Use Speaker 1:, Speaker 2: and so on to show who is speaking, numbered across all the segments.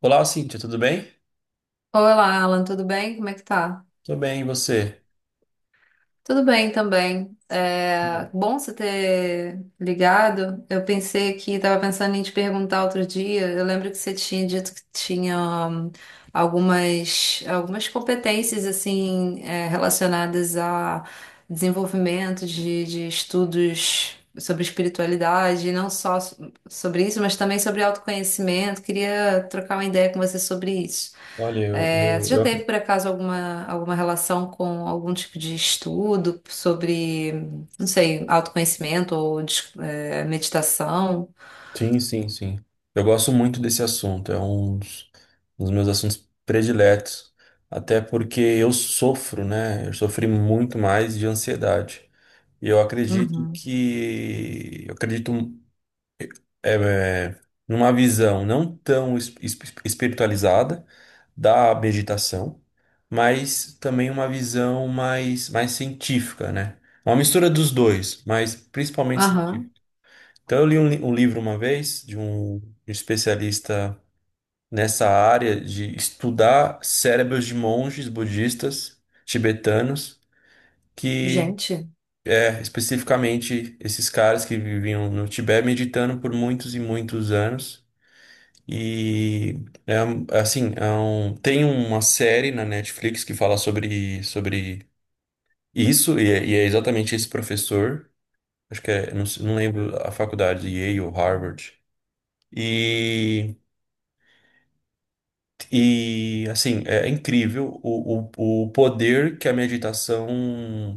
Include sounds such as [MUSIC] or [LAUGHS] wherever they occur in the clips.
Speaker 1: Olá, Cíntia, tudo bem?
Speaker 2: Olá, Alan, tudo bem? Como é que tá?
Speaker 1: Tô bem, e você?
Speaker 2: Tudo bem também. É bom você ter ligado. Eu pensei que estava pensando em te perguntar outro dia. Eu lembro que você tinha dito que tinha hum, algumas competências assim relacionadas a desenvolvimento de estudos sobre espiritualidade, e não só sobre isso, mas também sobre autoconhecimento. Queria trocar uma ideia com você sobre isso.
Speaker 1: Olha,
Speaker 2: Você já teve, por acaso, alguma relação com algum tipo de estudo sobre, não sei, autoconhecimento ou meditação?
Speaker 1: Sim, sim, sim. Eu gosto muito desse assunto, é um dos meus assuntos prediletos, até porque eu sofro, né? Eu sofri muito mais de ansiedade. E eu acredito
Speaker 2: Uhum.
Speaker 1: que... Eu acredito é, é, numa visão não tão espiritualizada, da meditação, mas também uma visão mais científica, né? Uma mistura dos dois, mas principalmente científica.
Speaker 2: Aham.
Speaker 1: Então, eu li um livro uma vez de um especialista nessa área de estudar cérebros de monges budistas tibetanos, que
Speaker 2: Gente,
Speaker 1: é especificamente esses caras que viviam no Tibete meditando por muitos e muitos anos. E é é assim, tem uma série na Netflix que fala sobre isso, e é exatamente esse professor, acho que não lembro a faculdade, Yale ou Harvard. E, e assim, é incrível o poder que a meditação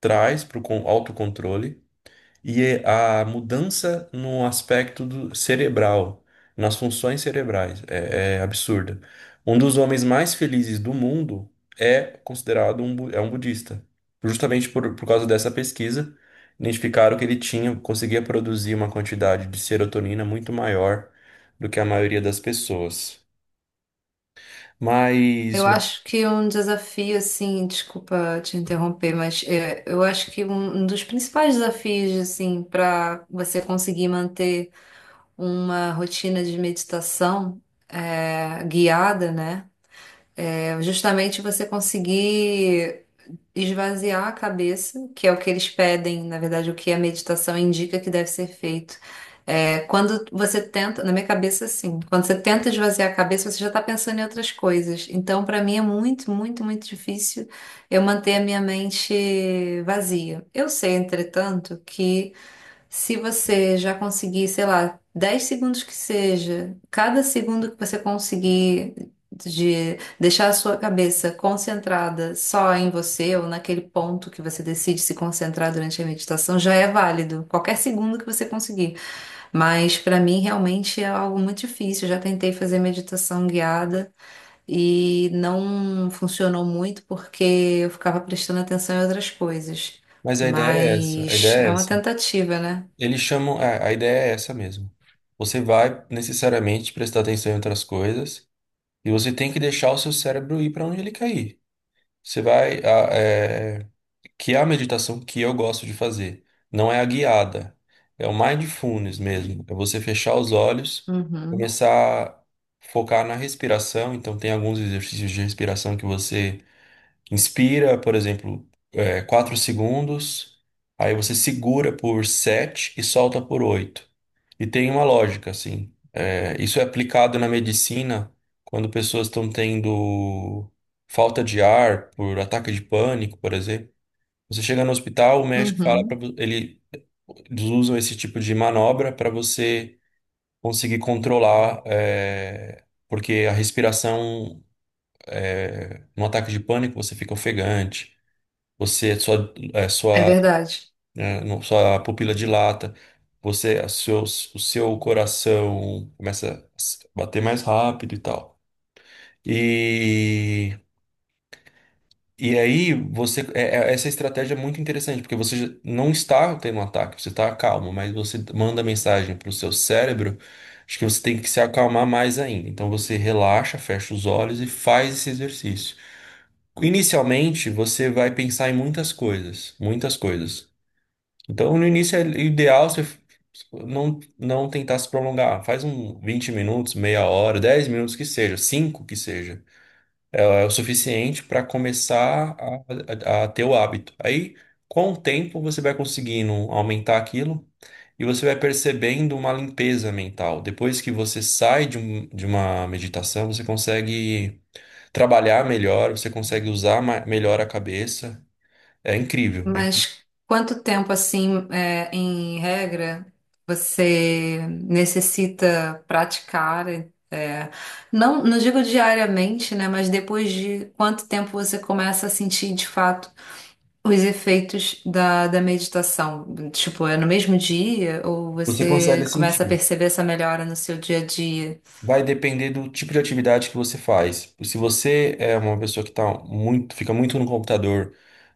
Speaker 1: traz para o autocontrole. E é a mudança no aspecto do cerebral, nas funções cerebrais, absurda. Um dos homens mais felizes do mundo é considerado um budista. Justamente por causa dessa pesquisa, identificaram que ele tinha, conseguia produzir uma quantidade de serotonina muito maior do que a maioria das pessoas. Mas,
Speaker 2: eu acho que um desafio, assim, desculpa te interromper, mas eu acho que um dos principais desafios, assim, para você conseguir manter uma rotina de meditação guiada, né? É justamente você conseguir esvaziar a cabeça, que é o que eles pedem, na verdade, o que a meditação indica que deve ser feito. É, quando você tenta, na minha cabeça, assim, quando você tenta esvaziar a cabeça, você já está pensando em outras coisas. Então, para mim, é muito, muito, muito difícil eu manter a minha mente vazia. Eu sei, entretanto, que se você já conseguir, sei lá, 10 segundos que seja, cada segundo que você conseguir de deixar a sua cabeça concentrada só em você ou naquele ponto que você decide se concentrar durante a meditação, já é válido. Qualquer segundo que você conseguir. Mas para mim realmente é algo muito difícil. Eu já tentei fazer meditação guiada e não funcionou muito porque eu ficava prestando atenção em outras coisas.
Speaker 1: mas a ideia é essa, a
Speaker 2: Mas
Speaker 1: ideia
Speaker 2: é
Speaker 1: é
Speaker 2: uma
Speaker 1: essa.
Speaker 2: tentativa, né?
Speaker 1: Eles chamam, a ideia é essa mesmo. Você vai necessariamente prestar atenção em outras coisas, e você tem que deixar o seu cérebro ir para onde ele quer ir. Você vai. Que é a meditação que eu gosto de fazer. Não é a guiada. É o mindfulness mesmo. É você fechar os olhos,
Speaker 2: Uhum,
Speaker 1: começar a focar na respiração. Então, tem alguns exercícios de respiração que você inspira, por exemplo, 4 segundos. Aí você segura por 7 e solta por 8 e tem uma lógica, assim. É, isso é aplicado na medicina quando pessoas estão tendo falta de ar por ataque de pânico, por exemplo. Você chega no hospital, o médico fala para
Speaker 2: uhum.
Speaker 1: ele. Eles usam esse tipo de manobra para você conseguir controlar, porque a respiração no ataque de pânico você fica ofegante, você sua, é,
Speaker 2: É
Speaker 1: sua
Speaker 2: verdade.
Speaker 1: né? Não só a pupila dilata, o seu coração começa a bater mais rápido e tal. E, e aí, essa estratégia é muito interessante, porque você já não está tendo um ataque, você está calmo, mas você manda mensagem para o seu cérebro, acho que você tem que se acalmar mais ainda. Então você relaxa, fecha os olhos e faz esse exercício. Inicialmente, você vai pensar em muitas coisas, muitas coisas. Então, no início é ideal você não tentar se prolongar. Faz 20 minutos, meia hora, 10 minutos que seja, 5 que seja. É o suficiente para começar a ter o hábito. Aí, com o tempo, você vai conseguindo aumentar aquilo e você vai percebendo uma limpeza mental. Depois que você sai de uma meditação, você consegue trabalhar melhor, você consegue usar melhor a cabeça. É incrível, hein?
Speaker 2: Mas quanto tempo, assim, em regra, você necessita praticar? é, não, não digo diariamente, né? Mas depois de quanto tempo você começa a sentir, de fato, os efeitos da meditação? Tipo, é no mesmo dia ou
Speaker 1: Você
Speaker 2: você
Speaker 1: consegue
Speaker 2: começa a
Speaker 1: sentir.
Speaker 2: perceber essa melhora no seu dia a dia?
Speaker 1: Vai depender do tipo de atividade que você faz. Se você é uma pessoa que tá muito, fica muito no computador,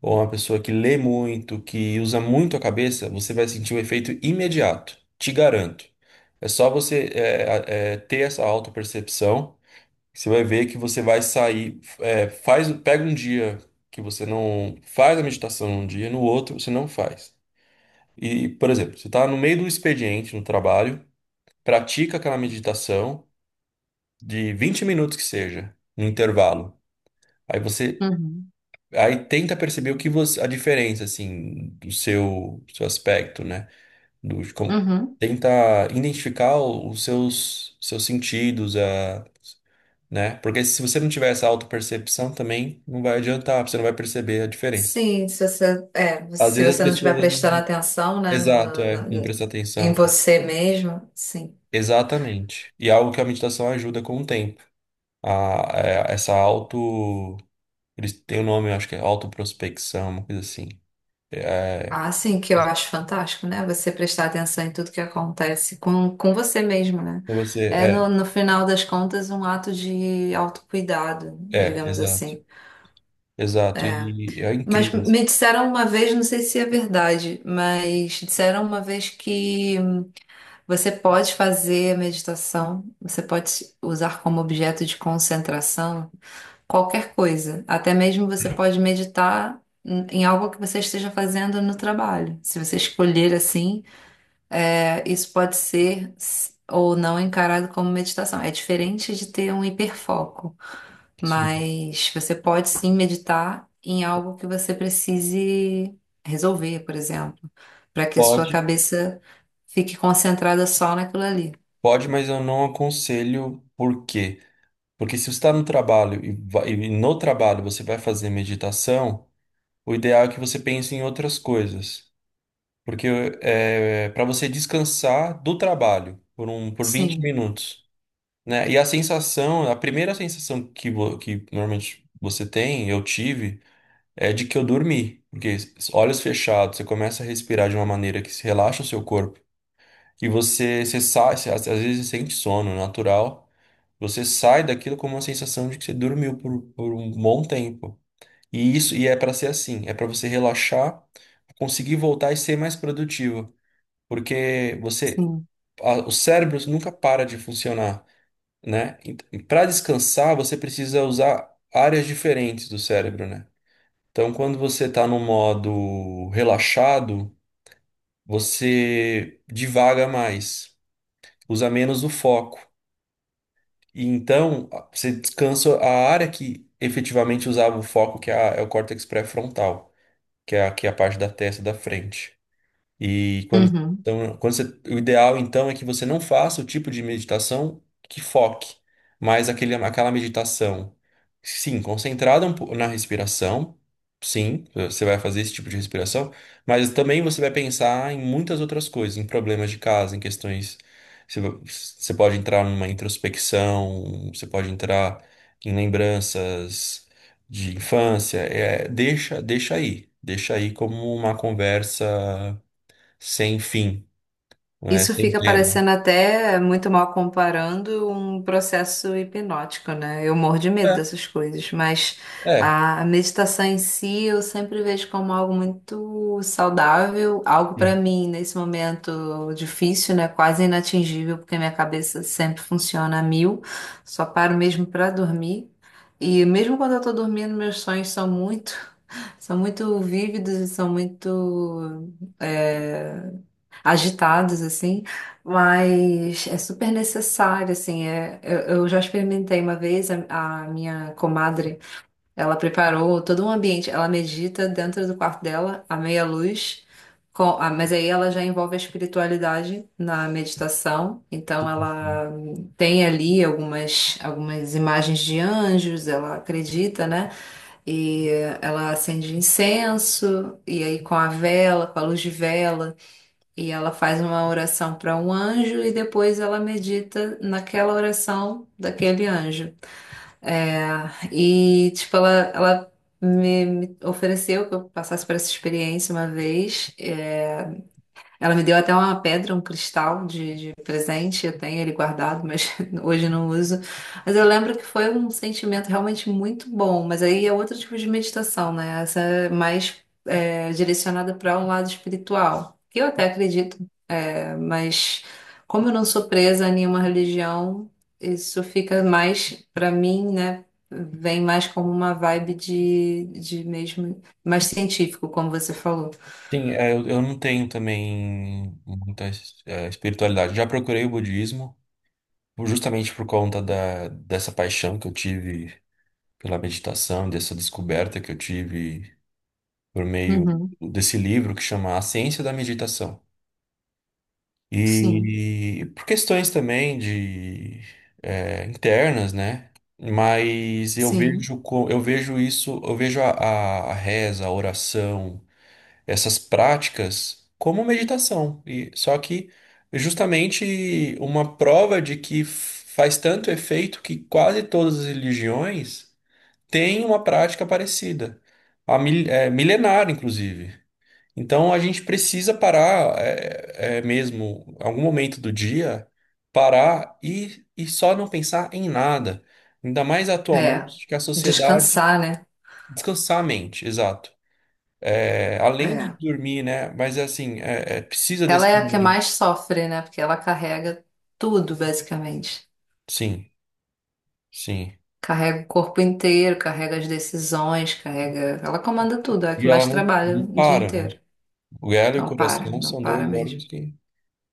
Speaker 1: ou uma pessoa que lê muito, que usa muito a cabeça, você vai sentir o efeito imediato. Te garanto. É só você ter essa autopercepção. Você vai ver que você vai sair. Pega um dia que você não faz a meditação num dia, no outro você não faz. E, por exemplo, você está no meio do expediente no trabalho, pratica aquela meditação de 20 minutos que seja, no intervalo. Aí você
Speaker 2: Uhum,
Speaker 1: aí tenta perceber o que você a diferença assim do seu aspecto, né? Do de como
Speaker 2: uhum.
Speaker 1: Tenta identificar os seus sentidos, a né? Porque se você não tiver essa autopercepção também não vai adiantar, você não vai perceber a diferença.
Speaker 2: Sim, se você,
Speaker 1: Às
Speaker 2: se
Speaker 1: vezes as
Speaker 2: você não estiver
Speaker 1: pessoas
Speaker 2: prestando
Speaker 1: não-
Speaker 2: atenção, né,
Speaker 1: Exato, não
Speaker 2: no-
Speaker 1: prestam
Speaker 2: em
Speaker 1: atenção.
Speaker 2: você mesmo, sim.
Speaker 1: Exatamente. E é algo que a meditação ajuda com o tempo. A, a- essa auto Eles têm o nome, eu acho que é autoprospecção, uma coisa assim. É,
Speaker 2: Ah, sim, que eu acho fantástico, né? Você prestar atenção em tudo que acontece com você mesmo, né?
Speaker 1: você,
Speaker 2: É,
Speaker 1: é,
Speaker 2: no, no final das contas, um ato de autocuidado, digamos
Speaker 1: exato.
Speaker 2: assim.
Speaker 1: Exato,
Speaker 2: É.
Speaker 1: e é
Speaker 2: Mas
Speaker 1: incrível assim.
Speaker 2: me disseram uma vez, não sei se é verdade, mas disseram uma vez que você pode fazer a meditação, você pode usar como objeto de concentração qualquer coisa. Até mesmo você pode meditar em algo que você esteja fazendo no trabalho. Se você escolher assim, é, isso pode ser ou não encarado como meditação. É diferente de ter um hiperfoco,
Speaker 1: Sim,
Speaker 2: mas você pode sim meditar em algo que você precise resolver, por exemplo, para que a sua
Speaker 1: pode,
Speaker 2: cabeça fique concentrada só naquilo ali.
Speaker 1: pode, mas eu não aconselho por quê? Porque se você está no trabalho e no trabalho você vai fazer meditação, o ideal é que você pense em outras coisas. Porque é para você descansar do trabalho por 20
Speaker 2: Sim,
Speaker 1: minutos, né? E a sensação, a primeira sensação que normalmente você tem, eu tive, é de que eu dormi. Porque olhos fechados, você começa a respirar de uma maneira que se relaxa o seu corpo. E você sai. Às vezes você sente sono natural. Você sai daquilo com uma sensação de que você dormiu por um bom tempo. E é para ser assim, é para você relaxar, conseguir voltar e ser mais produtivo. Porque
Speaker 2: sim.
Speaker 1: o cérebro nunca para de funcionar, né? Para descansar, você precisa usar áreas diferentes do cérebro, né? Então, quando você está no modo relaxado, você divaga mais, usa menos o foco. E então, você descansa a área que efetivamente usava o foco, que é o córtex pré-frontal, que é aqui a parte da testa da frente. E quando,
Speaker 2: Uhum.
Speaker 1: então, quando você, o ideal então é que você não faça o tipo de meditação que foque, mas aquela meditação, sim, concentrada na respiração, sim, você vai fazer esse tipo de respiração, mas também você vai pensar em muitas outras coisas, em problemas de casa, em questões. Você pode entrar numa introspecção, você pode entrar em lembranças de infância, deixa aí como uma conversa sem fim, né?
Speaker 2: Isso
Speaker 1: Sem
Speaker 2: fica
Speaker 1: tema.
Speaker 2: parecendo até muito mal comparando um processo hipnótico, né? Eu morro de medo
Speaker 1: É,
Speaker 2: dessas coisas, mas
Speaker 1: é.
Speaker 2: a meditação em si eu sempre vejo como algo muito saudável, algo para
Speaker 1: Sim.
Speaker 2: mim nesse momento difícil, né? Quase inatingível, porque minha cabeça sempre funciona a mil, só paro mesmo para dormir. E mesmo quando eu tô dormindo, meus sonhos são muito, [LAUGHS] são muito vívidos e são muito eh, agitados, assim, mas é super necessário, assim, eu já experimentei uma vez, a minha comadre, ela preparou todo um ambiente, ela medita dentro do quarto dela, à meia luz, com, ah, mas aí ela já envolve a espiritualidade na meditação, então ela tem ali algumas, algumas imagens de anjos, ela acredita, né? E ela acende incenso, e aí com a vela, com a luz de vela, e ela faz uma oração para um anjo e depois ela medita naquela oração daquele anjo. É, e, tipo, ela me ofereceu que eu passasse por essa experiência uma vez. É, ela me deu até uma pedra, um cristal de presente. Eu tenho ele guardado, mas [LAUGHS] hoje não uso. Mas eu lembro que foi um sentimento realmente muito bom. Mas aí é outro tipo de meditação, né? Essa é mais, é, direcionada para um lado espiritual. Que eu até acredito, mas como eu não sou presa a nenhuma religião, isso fica mais, para mim, né? Vem mais como uma vibe de mesmo, mais científico, como você falou.
Speaker 1: Sim, eu não tenho também muita espiritualidade. Já procurei o budismo, justamente por conta dessa paixão que eu tive pela meditação, dessa descoberta que eu tive por meio
Speaker 2: Uhum.
Speaker 1: desse livro que chama A Ciência da Meditação.
Speaker 2: Sim,
Speaker 1: E por questões também de internas, né? Mas
Speaker 2: sim.
Speaker 1: eu vejo isso, eu vejo a reza, a oração, essas práticas como meditação. E só que justamente uma prova de que faz tanto efeito que quase todas as religiões têm uma prática parecida, milenar, inclusive. Então a gente precisa parar, mesmo, algum momento do dia, parar e só não pensar em nada. Ainda mais
Speaker 2: É,
Speaker 1: atualmente que a sociedade.
Speaker 2: descansar, né?
Speaker 1: Descansar a mente, exato. É, além de
Speaker 2: É.
Speaker 1: dormir, né? Mas é assim, precisa desse
Speaker 2: Ela é a que
Speaker 1: momento.
Speaker 2: mais sofre, né? Porque ela carrega tudo, basicamente.
Speaker 1: Sim, sim.
Speaker 2: Carrega o corpo inteiro, carrega as decisões, carrega. Ela comanda tudo, é a que
Speaker 1: E ela
Speaker 2: mais
Speaker 1: não,
Speaker 2: trabalha
Speaker 1: não
Speaker 2: o dia
Speaker 1: para, né?
Speaker 2: inteiro.
Speaker 1: O ela e o
Speaker 2: Não para,
Speaker 1: coração
Speaker 2: não
Speaker 1: são dois
Speaker 2: para mesmo.
Speaker 1: órgãos que,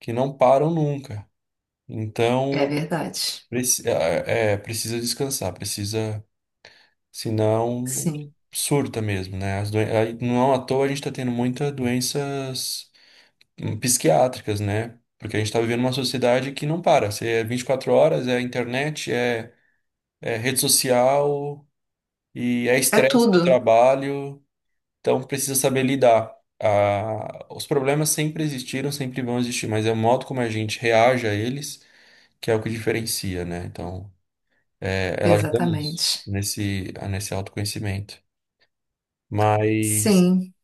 Speaker 1: que não param nunca.
Speaker 2: É
Speaker 1: Então,
Speaker 2: verdade.
Speaker 1: precisa descansar, precisa. Senão,
Speaker 2: Sim.
Speaker 1: surta mesmo, né? Não é à toa a gente está tendo muitas doenças psiquiátricas, né? Porque a gente está vivendo uma sociedade que não para. Se é 24 horas, é internet, rede social e é
Speaker 2: É
Speaker 1: estresse do
Speaker 2: tudo.
Speaker 1: trabalho. Então, precisa saber lidar. Ah, os problemas sempre existiram, sempre vão existir, mas é o modo como a gente reage a eles que é o que diferencia, né? Então, ela ajuda nisso,
Speaker 2: Exatamente.
Speaker 1: nesse autoconhecimento. Mas.
Speaker 2: Sim.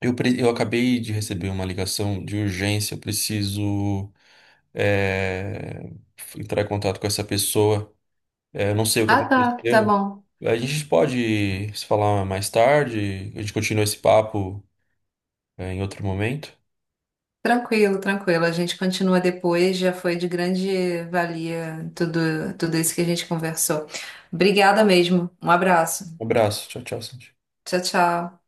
Speaker 1: Eu acabei de receber uma ligação de urgência, eu preciso eh, entrar em contato com essa pessoa. Eu não sei o que
Speaker 2: Ah, tá. Tá
Speaker 1: aconteceu.
Speaker 2: bom.
Speaker 1: A gente pode se falar mais tarde, a gente continua esse papo, em outro momento.
Speaker 2: Tranquilo, tranquilo. A gente continua depois. Já foi de grande valia tudo, tudo isso que a gente conversou. Obrigada mesmo. Um abraço.
Speaker 1: Um abraço, tchau, tchau, Sandy.
Speaker 2: Tchau, tchau.